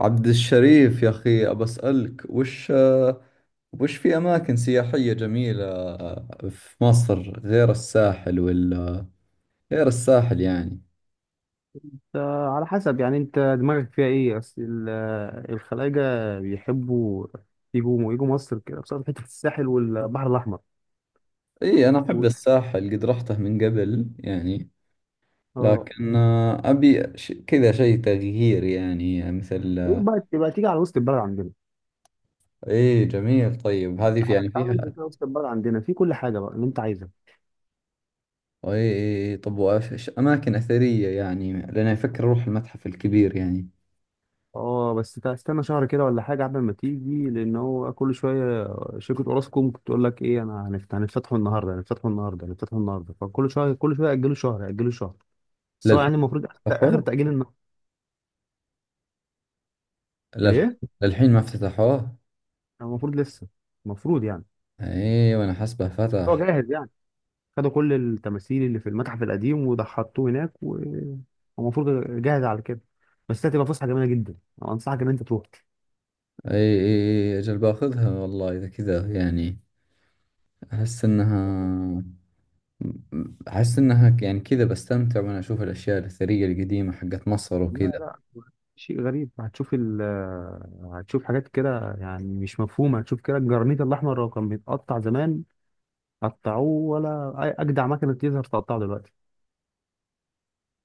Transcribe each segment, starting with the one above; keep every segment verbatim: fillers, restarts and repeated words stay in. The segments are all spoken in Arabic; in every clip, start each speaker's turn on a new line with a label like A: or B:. A: عبد الشريف يا أخي، أبى أسألك، وش وش في أماكن سياحية جميلة في مصر غير الساحل؟ ولا غير الساحل يعني.
B: آه، على حسب يعني انت دماغك فيها ايه اصل ال- آه، الخلايجة بيحبوا يجوا يجوا مصر كده بسبب حتة الساحل والبحر الأحمر.
A: إي، أنا أحب
B: و-
A: الساحل، قد رحته من قبل يعني،
B: اه
A: لكن أبي ش... كذا شيء تغيير يعني مثل.
B: إيه بقى تبقى تيجي على وسط البلد عندنا.
A: إي جميل، طيب هذه في
B: تعالى
A: يعني
B: تعالى انزل
A: فيها.
B: كده وسط البلد عندنا في كل حاجة بقى اللي انت عايزها.
A: إي إي إي، طب وإيش إيش أماكن أثرية يعني، لأن أفكر أروح المتحف الكبير يعني.
B: اه بس تا- استنى شهر كده ولا حاجة قبل ما تيجي، لأن هو كل شوية شركة اوراسكوم بتقول لك ايه؟ انا هنفت- هنفتحوا النهاردة، هنفتحوا النهاردة، هنفتحوا النهاردة، فكل شوية كل شوية يأجلوا شهر يأجلوا شهر. بس هو
A: للحين
B: يعني المفروض آخر
A: فتحوه؟
B: تأجيل النهاردة.
A: للحين
B: ليه؟
A: للحين ما افتتحوه.
B: المفروض لسه، المفروض يعني
A: ايه، وانا حسبه
B: هو
A: فتح.
B: جاهز يعني. خدوا كل التماثيل اللي في المتحف القديم وده حطوه هناك، ومفروض جاهز على كده. بس هتبقى فسحه جميله جدا، أنا انصحك ان انت تروح.
A: ايه ايه ايه، اجل باخذها والله اذا كذا يعني. احس انها احس انها يعني كذا بستمتع، وانا اشوف الاشياء الاثريه القديمه حقت مصر وكذا.
B: لا لا، شيء غريب. هتشوف ال هتشوف حاجات كده يعني مش مفهومه، هتشوف كده الجرانيت الاحمر لو كان بيتقطع زمان قطعوه ولا أي اجدع مكنه تيزر تقطعه دلوقتي.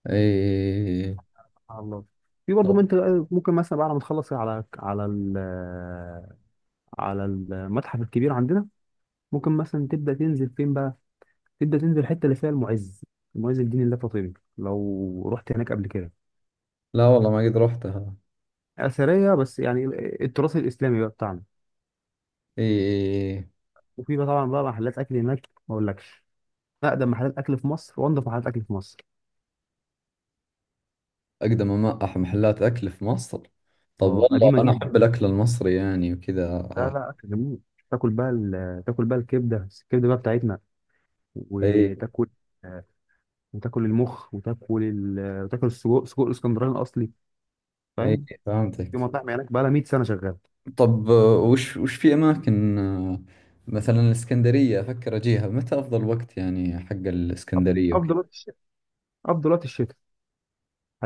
A: ايه ايه ايه، إيه، إيه.
B: سبحان الله. في برضه
A: طب.
B: من- انت ممكن مثلا بعد ما تخلص على على ال- على المتحف الكبير عندنا، ممكن مثلا تبدا تنزل فين بقى؟ تبدا تنزل الحته اللي فيها المعز، المعز الدين الله فاطمي. لو رحت هناك قبل كده؟
A: لا والله، ما قد رحتها.
B: اثريه بس يعني، التراث الاسلامي بقى بتاعنا.
A: ايه ايه ايه، إيه.
B: وفي بقى طبعا بقى محلات اكل هناك ما اقولكش، اقدم محلات اكل في مصر وانضف محلات اكل في مصر.
A: اقدم أما- أح- محلات اكل في مصر. طب
B: اه
A: والله،
B: قديمه
A: انا احب
B: جدا،
A: الاكل المصري يعني وكذا.
B: لا لا اكل جميل. تاكل بقى ال- تاكل بقى الكبده، الكبده بقى بتاعتنا،
A: ايه
B: وتاكل، آه، وتاكل المخ، وتاكل ال... وتاكل السجق، سجق الاسكندراني الاصلي،
A: ايه،
B: فاهم؟
A: إيه،
B: في
A: فهمتك.
B: مطاعم هناك بقى لها ميه سنه شغاله.
A: طب، آه، وش وش في اماكن آه، مثلا الاسكندريه، افكر اجيها متى؟ افضل وقت يعني حق الاسكندريه وكذا.
B: افضل وقت الشتاء، افضل وقت الشتاء.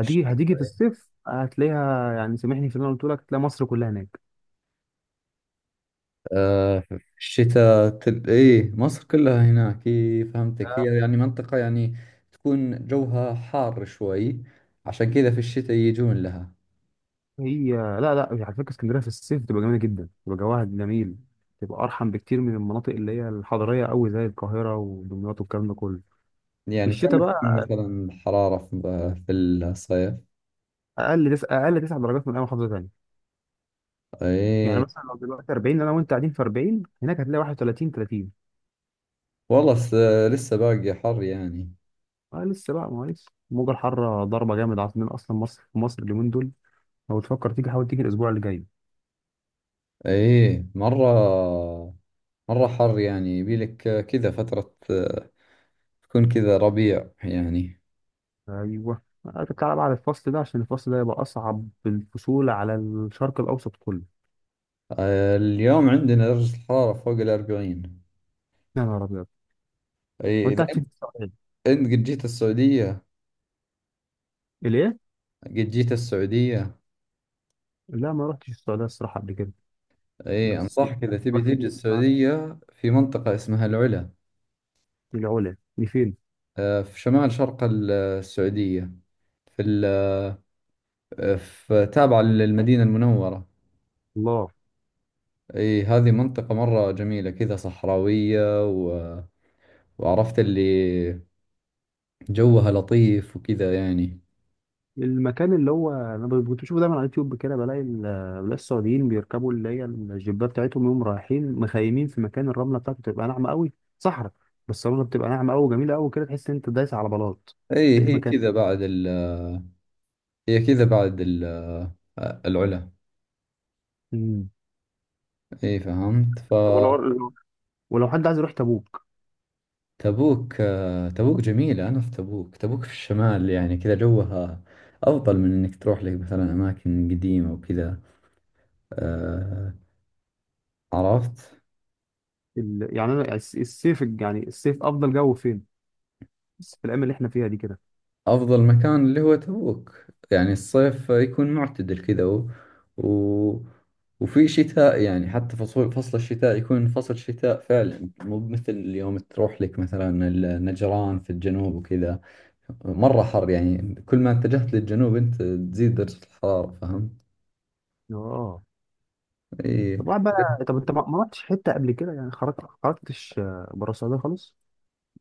A: ش-
B: هتيجي في الصيف هتلاقيها يعني، سامحني في اللي انا قلت لك، هتلاقي مصر كلها هناك.
A: آه، في الشتاء تل... ايه، مصر كلها هناك. ايه فهمتك، هي
B: لا،
A: يعني منطقه يعني تكون جوها حار شوي، عشان كذا في الشتاء يجون لها.
B: هي لا لا على فكره اسكندريه في الصيف بتبقى جميله جدا، بتبقى جواها جميل، بتبقى ارحم بكتير من المناطق اللي هي الحضريه قوي زي القاهره ودمياط والكلام ده كله.
A: يعني كم
B: الشتاء
A: تكون
B: بقى
A: مثلا الحراره في في الصيف؟
B: اقل تس... اقل تسع درجات من اي محافظه ثانيه. يعني
A: ايه
B: مثلا لو دلوقتي اربعين، انا وانت قاعدين في اربعين، هناك هتلاقي واحد وتلاتين، تلاتين.
A: والله س- لسه باقي حر يعني.
B: اه لسه بقى، ما هو لسه الموجه الحاره ضربه جامد عاصمين اصلا مصر، في مصر اليومين دول. لو تفكر تيجي حاول تيجي الاسبوع اللي جاي.
A: ايه، مرة مرة حر يعني، يبيلك كذا فترة آه، تكون كذا ربيع يعني.
B: ايوه هتطلع بقى على الفصل ده، عشان الفصل ده يبقى اصعب الفصول على الشرق الاوسط كله.
A: آه، اليوم عندنا درجة الحرارة فوق الأربعين.
B: يا نهار ابيض.
A: ايه
B: وانت
A: إذا
B: قاعد
A: أنت،
B: فين في السعوديه؟
A: أنت قد جيت السعودية؟
B: ليه؟
A: قد جيت السعودية؟
B: لا ما رحتش السعوديه الصراحه قبل كده،
A: ايه،
B: بس
A: أنصحك إذا
B: يعني
A: تبي
B: الواحد
A: تيجي
B: يطلع.
A: السعودية في منطقة اسمها العلا.
B: العلا دي فين؟
A: آه، في شمال شرق ال- السعودية، في ال في تابعة للمدينة المنورة.
B: الله.
A: ايه، هذه منطقة مرة جميلة كذا صحراوية، وعرفت اللي جوها لطيف وكذا يعني.
B: المكان اللي هو انا ب- كنت بشوفه دايما على اليوتيوب كده، بلاقي ال- بلاقي السعوديين بيركبوا اللي هي الجيبات بتاعتهم، يوم رايحين مخيمين في مكان الرمله بتاعته بتبقى ناعمه قوي، صحراء، بس الرمله بتبقى ناعمه قوي وجميله قوي كده، تحس ان انت دايس على بلاط.
A: اي
B: ده ايه
A: هي
B: المكان
A: كذا
B: ده؟
A: بعد ال هي كذا بعد ال العلا.
B: مم.
A: اي فهمت.
B: طب ولو، ولو حد عايز يروح تبوك.
A: فتبوك، آه، تبوك جميلة، انا في تبوك تبوك في الشمال يعني، كذا جوها افضل من انك تروح لك مثلا اماكن قديمة وكذا. آه، عرفت.
B: ال... يعني انا الس- الصيف يعني، الصيف افضل جو فين في الايام اللي احنا فيها دي كده؟
A: أفضل مكان اللي هو تبوك، يعني الصيف يكون معتدل كذا و... و... وفي شتاء يعني، حتى فصل فصل الشتاء يكون فصل شتاء فعلا، مو مثل اليوم. تروح لك مثلا النجران في الجنوب وكذا، مرة حر يعني. كل ما اتجهت للجنوب أنت تزيد درجة الحرارة، فهمت؟
B: اه.
A: إي.
B: طب واحد بقى، طب انت ما ما رحتش حته قبل كده يعني، خرجت خرجتش آه، بره السعوديه خالص؟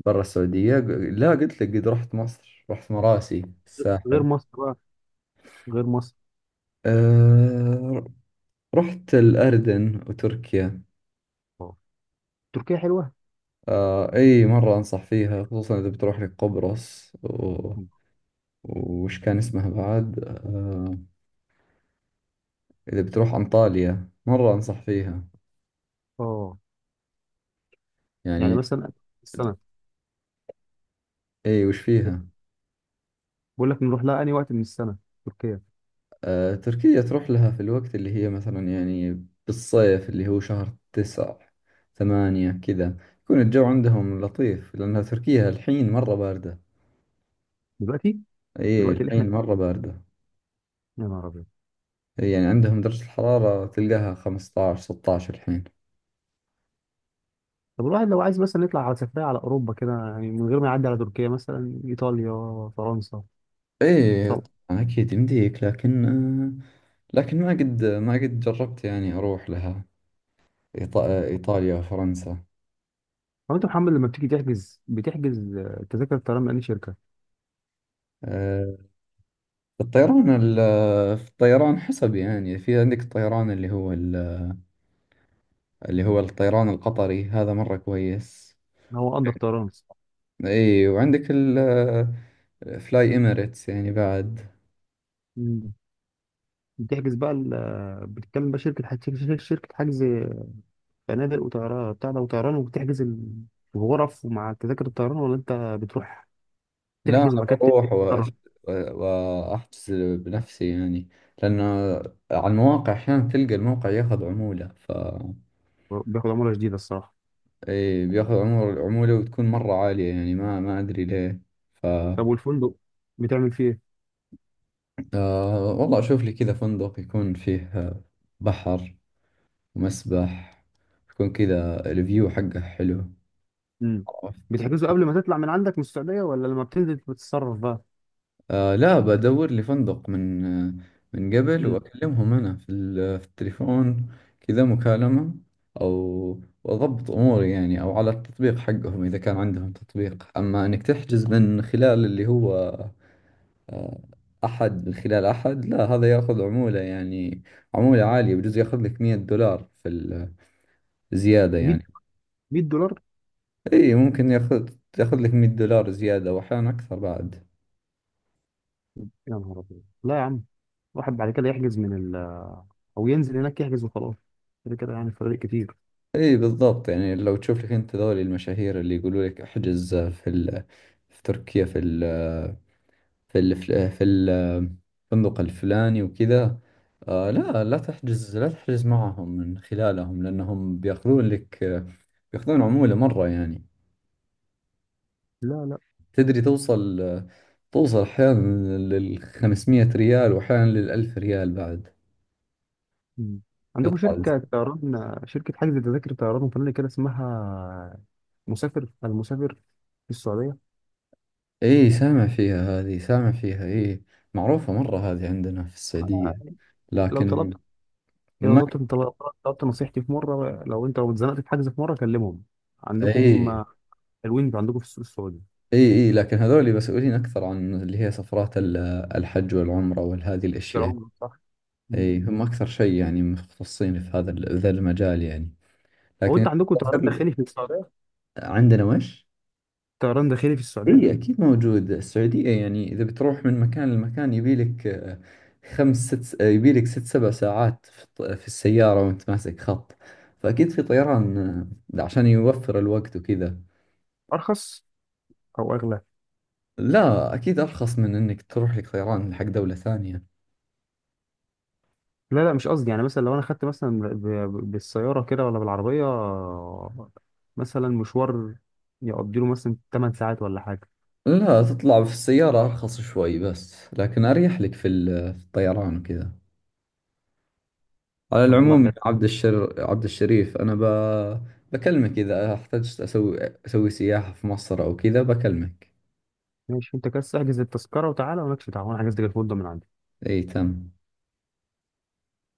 A: برا السعودية، لا، قلت لك قد رحت مصر، رحت مراسي
B: غير
A: الساحل.
B: مصر بقى، غير مصر.
A: أه... رحت الأردن وتركيا.
B: اه تركيا حلوه.
A: آه اي، مرة انصح فيها، خصوصا اذا بتروح لقبرص و...
B: مم.
A: وش كان اسمها بعد آه اذا بتروح انطاليا، مرة انصح فيها
B: اه يعني
A: يعني.
B: مثلا السنه،
A: اي وش فيها.
B: بقول لك نروح لها انهي وقت من السنه، تركيا؟
A: آه، تركيا تروح لها في الوقت اللي هي مثلا يعني بالصيف، اللي هو شهر تسع ثمانية كذا، يكون الجو عندهم لطيف، لأنها تركيا الحين مرة باردة.
B: دلوقتي،
A: اي،
B: دلوقتي اللي احنا،
A: الحين مرة باردة.
B: يا نهار ابيض.
A: إي، يعني عندهم درجة الحرارة تلقاها خمسة عشر ستة عشر الحين.
B: طب الواحد لو عايز مثلا يطلع على سفريه على اوروبا كده، يعني من غير ما يعدي على تركيا، مثلا ايطاليا، فرنسا.
A: ايه طبعا، اكيد يمديك، لكن آه، لكن ما قد ما قد جربت يعني اروح لها. إيطا- ايطاليا وفرنسا.
B: هو انت محمد لما بتيجي تحجز، بتحجز آه، تذاكر الطيران من اي شركه؟
A: آه، الطيران ال- في الطيران حسب يعني، في عندك الطيران اللي هو ال- اللي هو الطيران القطري، هذا مرة كويس.
B: هو قدر طيران.
A: اي وعندك الفلاي اميريتس يعني بعد.
B: مم. بتحجز بقى ال- آه، بتتكلم بقى شركه حج- شركه شركة حجز فنادق وطيران بتاع ده وطيران، وبتحجز ال- الغرف ومع تذاكر الطيران، ولا انت بتروح
A: لا،
B: تحجز
A: انا
B: وبعد كده
A: بروح
B: تتصرف؟
A: وأش- واحجز بنفسي يعني، لانه على المواقع احيانا تلقى الموقع ياخذ عمولة. ف
B: بياخد عموله جديده الصراحه.
A: اي، بياخذ عمر العمولة، وتكون مرة عالية يعني، ما ما ادري ليه. ف
B: طب والفندق بتعمل فيه ايه؟
A: آه والله اشوف لي كذا فندق، يكون فيه آه، بحر ومسبح، يكون كذا الفيو حقه حلو.
B: مم.
A: عرفت.
B: بتحجزه قبل ما تطلع من عندك من السعوديه، ولا لما بتنزل بتتصرف بقى؟
A: آه لا، بدور لي فندق من آه، من قبل،
B: مم.
A: واكلمهم انا في ال- في التليفون كذا مكالمة، او واضبط اموري يعني، او على التطبيق حقهم اذا كان عندهم تطبيق، اما انك تحجز من خلال اللي هو أحد، من خلال أحد لا، هذا يأخذ عمولة يعني، عمولة عالية، بجوز يأخذ لك مية دولار في الزيادة
B: ميه،
A: يعني.
B: ميه دولار؟
A: إي، ممكن يأخذ تأخذ لك مية دولار زيادة وأحيانا أكثر بعد.
B: يا نهار ابيض، لا يا عم، واحد بعد كده يحجز من، او ينزل هناك يحجز وخلاص، كده كده يعني فرق كتير.
A: إي بالضبط يعني، لو تشوف لك أنت ذولي المشاهير اللي يقولوا لك احجز في ال... في تركيا في ال... في ال... في ال- الفندق الفلاني وكذا، آه لا، لا تحجز، لا تحجز معهم من خلالهم، لأنهم بيأخذون لك، بيأخذون عمولة مرة يعني.
B: لا لا.
A: تدري، توصل توصل أحيانا لل خمسمية ريال، وأحيانا للألف ريال بعد.
B: مم. عندكم
A: يطلع الز-
B: شركة طيران، شركة حجز تذاكر طيران وفنادق كده اسمها مسافر، المسافر، في السعودية.
A: إيه، سامع فيها، هذه سامع فيها، إيه، معروفة مرة هذه عندنا في السعودية،
B: لو طلبت،
A: لكن
B: لو
A: ما.
B: طلبت انت، لو طلبت نصيحتي في مرة لو انت لو اتزنقت في حجز في مرة كلمهم، عندكم
A: إيه.
B: هم حلوين عندكم في السوق السعودي.
A: إيه إيه، لكن هذول مسؤولين أكثر عن اللي هي سفرات ال- الحج والعمرة وهذه
B: يا
A: الأشياء.
B: عمر، صح. مم.
A: إيه، هم أكثر شيء يعني مختصين في هذا ال- ذا المجال يعني،
B: هو
A: لكن.
B: انت عندكم طيران داخلي في السعودية؟
A: عندنا وش؟
B: طيران داخلي في السعودية.
A: اي اكيد موجود السعودية يعني، اذا بتروح من مكان لمكان يبيلك آه، خمس ست آه، يبيلك ست سبع ساعات في الط- في السيارة وانت ماسك خط، فاكيد في طيران آه، عشان يوفر الوقت وكذا.
B: ارخص او اغلى؟
A: لا اكيد ارخص من انك تروح لك طيران حق دولة ثانية.
B: لا لا مش قصدي، يعني مثلا لو انا خدت مثلا ب- ب- بالسياره كده ولا بالعربيه، مثلا مشوار يقضي له مثلا تمن ساعات ولا حاجه.
A: لا، تطلع في السيارة ارخص شوي بس، لكن اريح لك في ال- في الطيران وكذا. على
B: طب والله
A: العموم يا مم.
B: حلو.
A: عبد الشر عبد الشريف، انا ب... بكلمك اذا احتجت اسوي اسوي سياحة في مصر او كذا، بكلمك.
B: ماشي، انت كده احجز التذكره وتعالى، ومالكش دعوه، انا حجزت لك الفندق من عندي.
A: اي تم.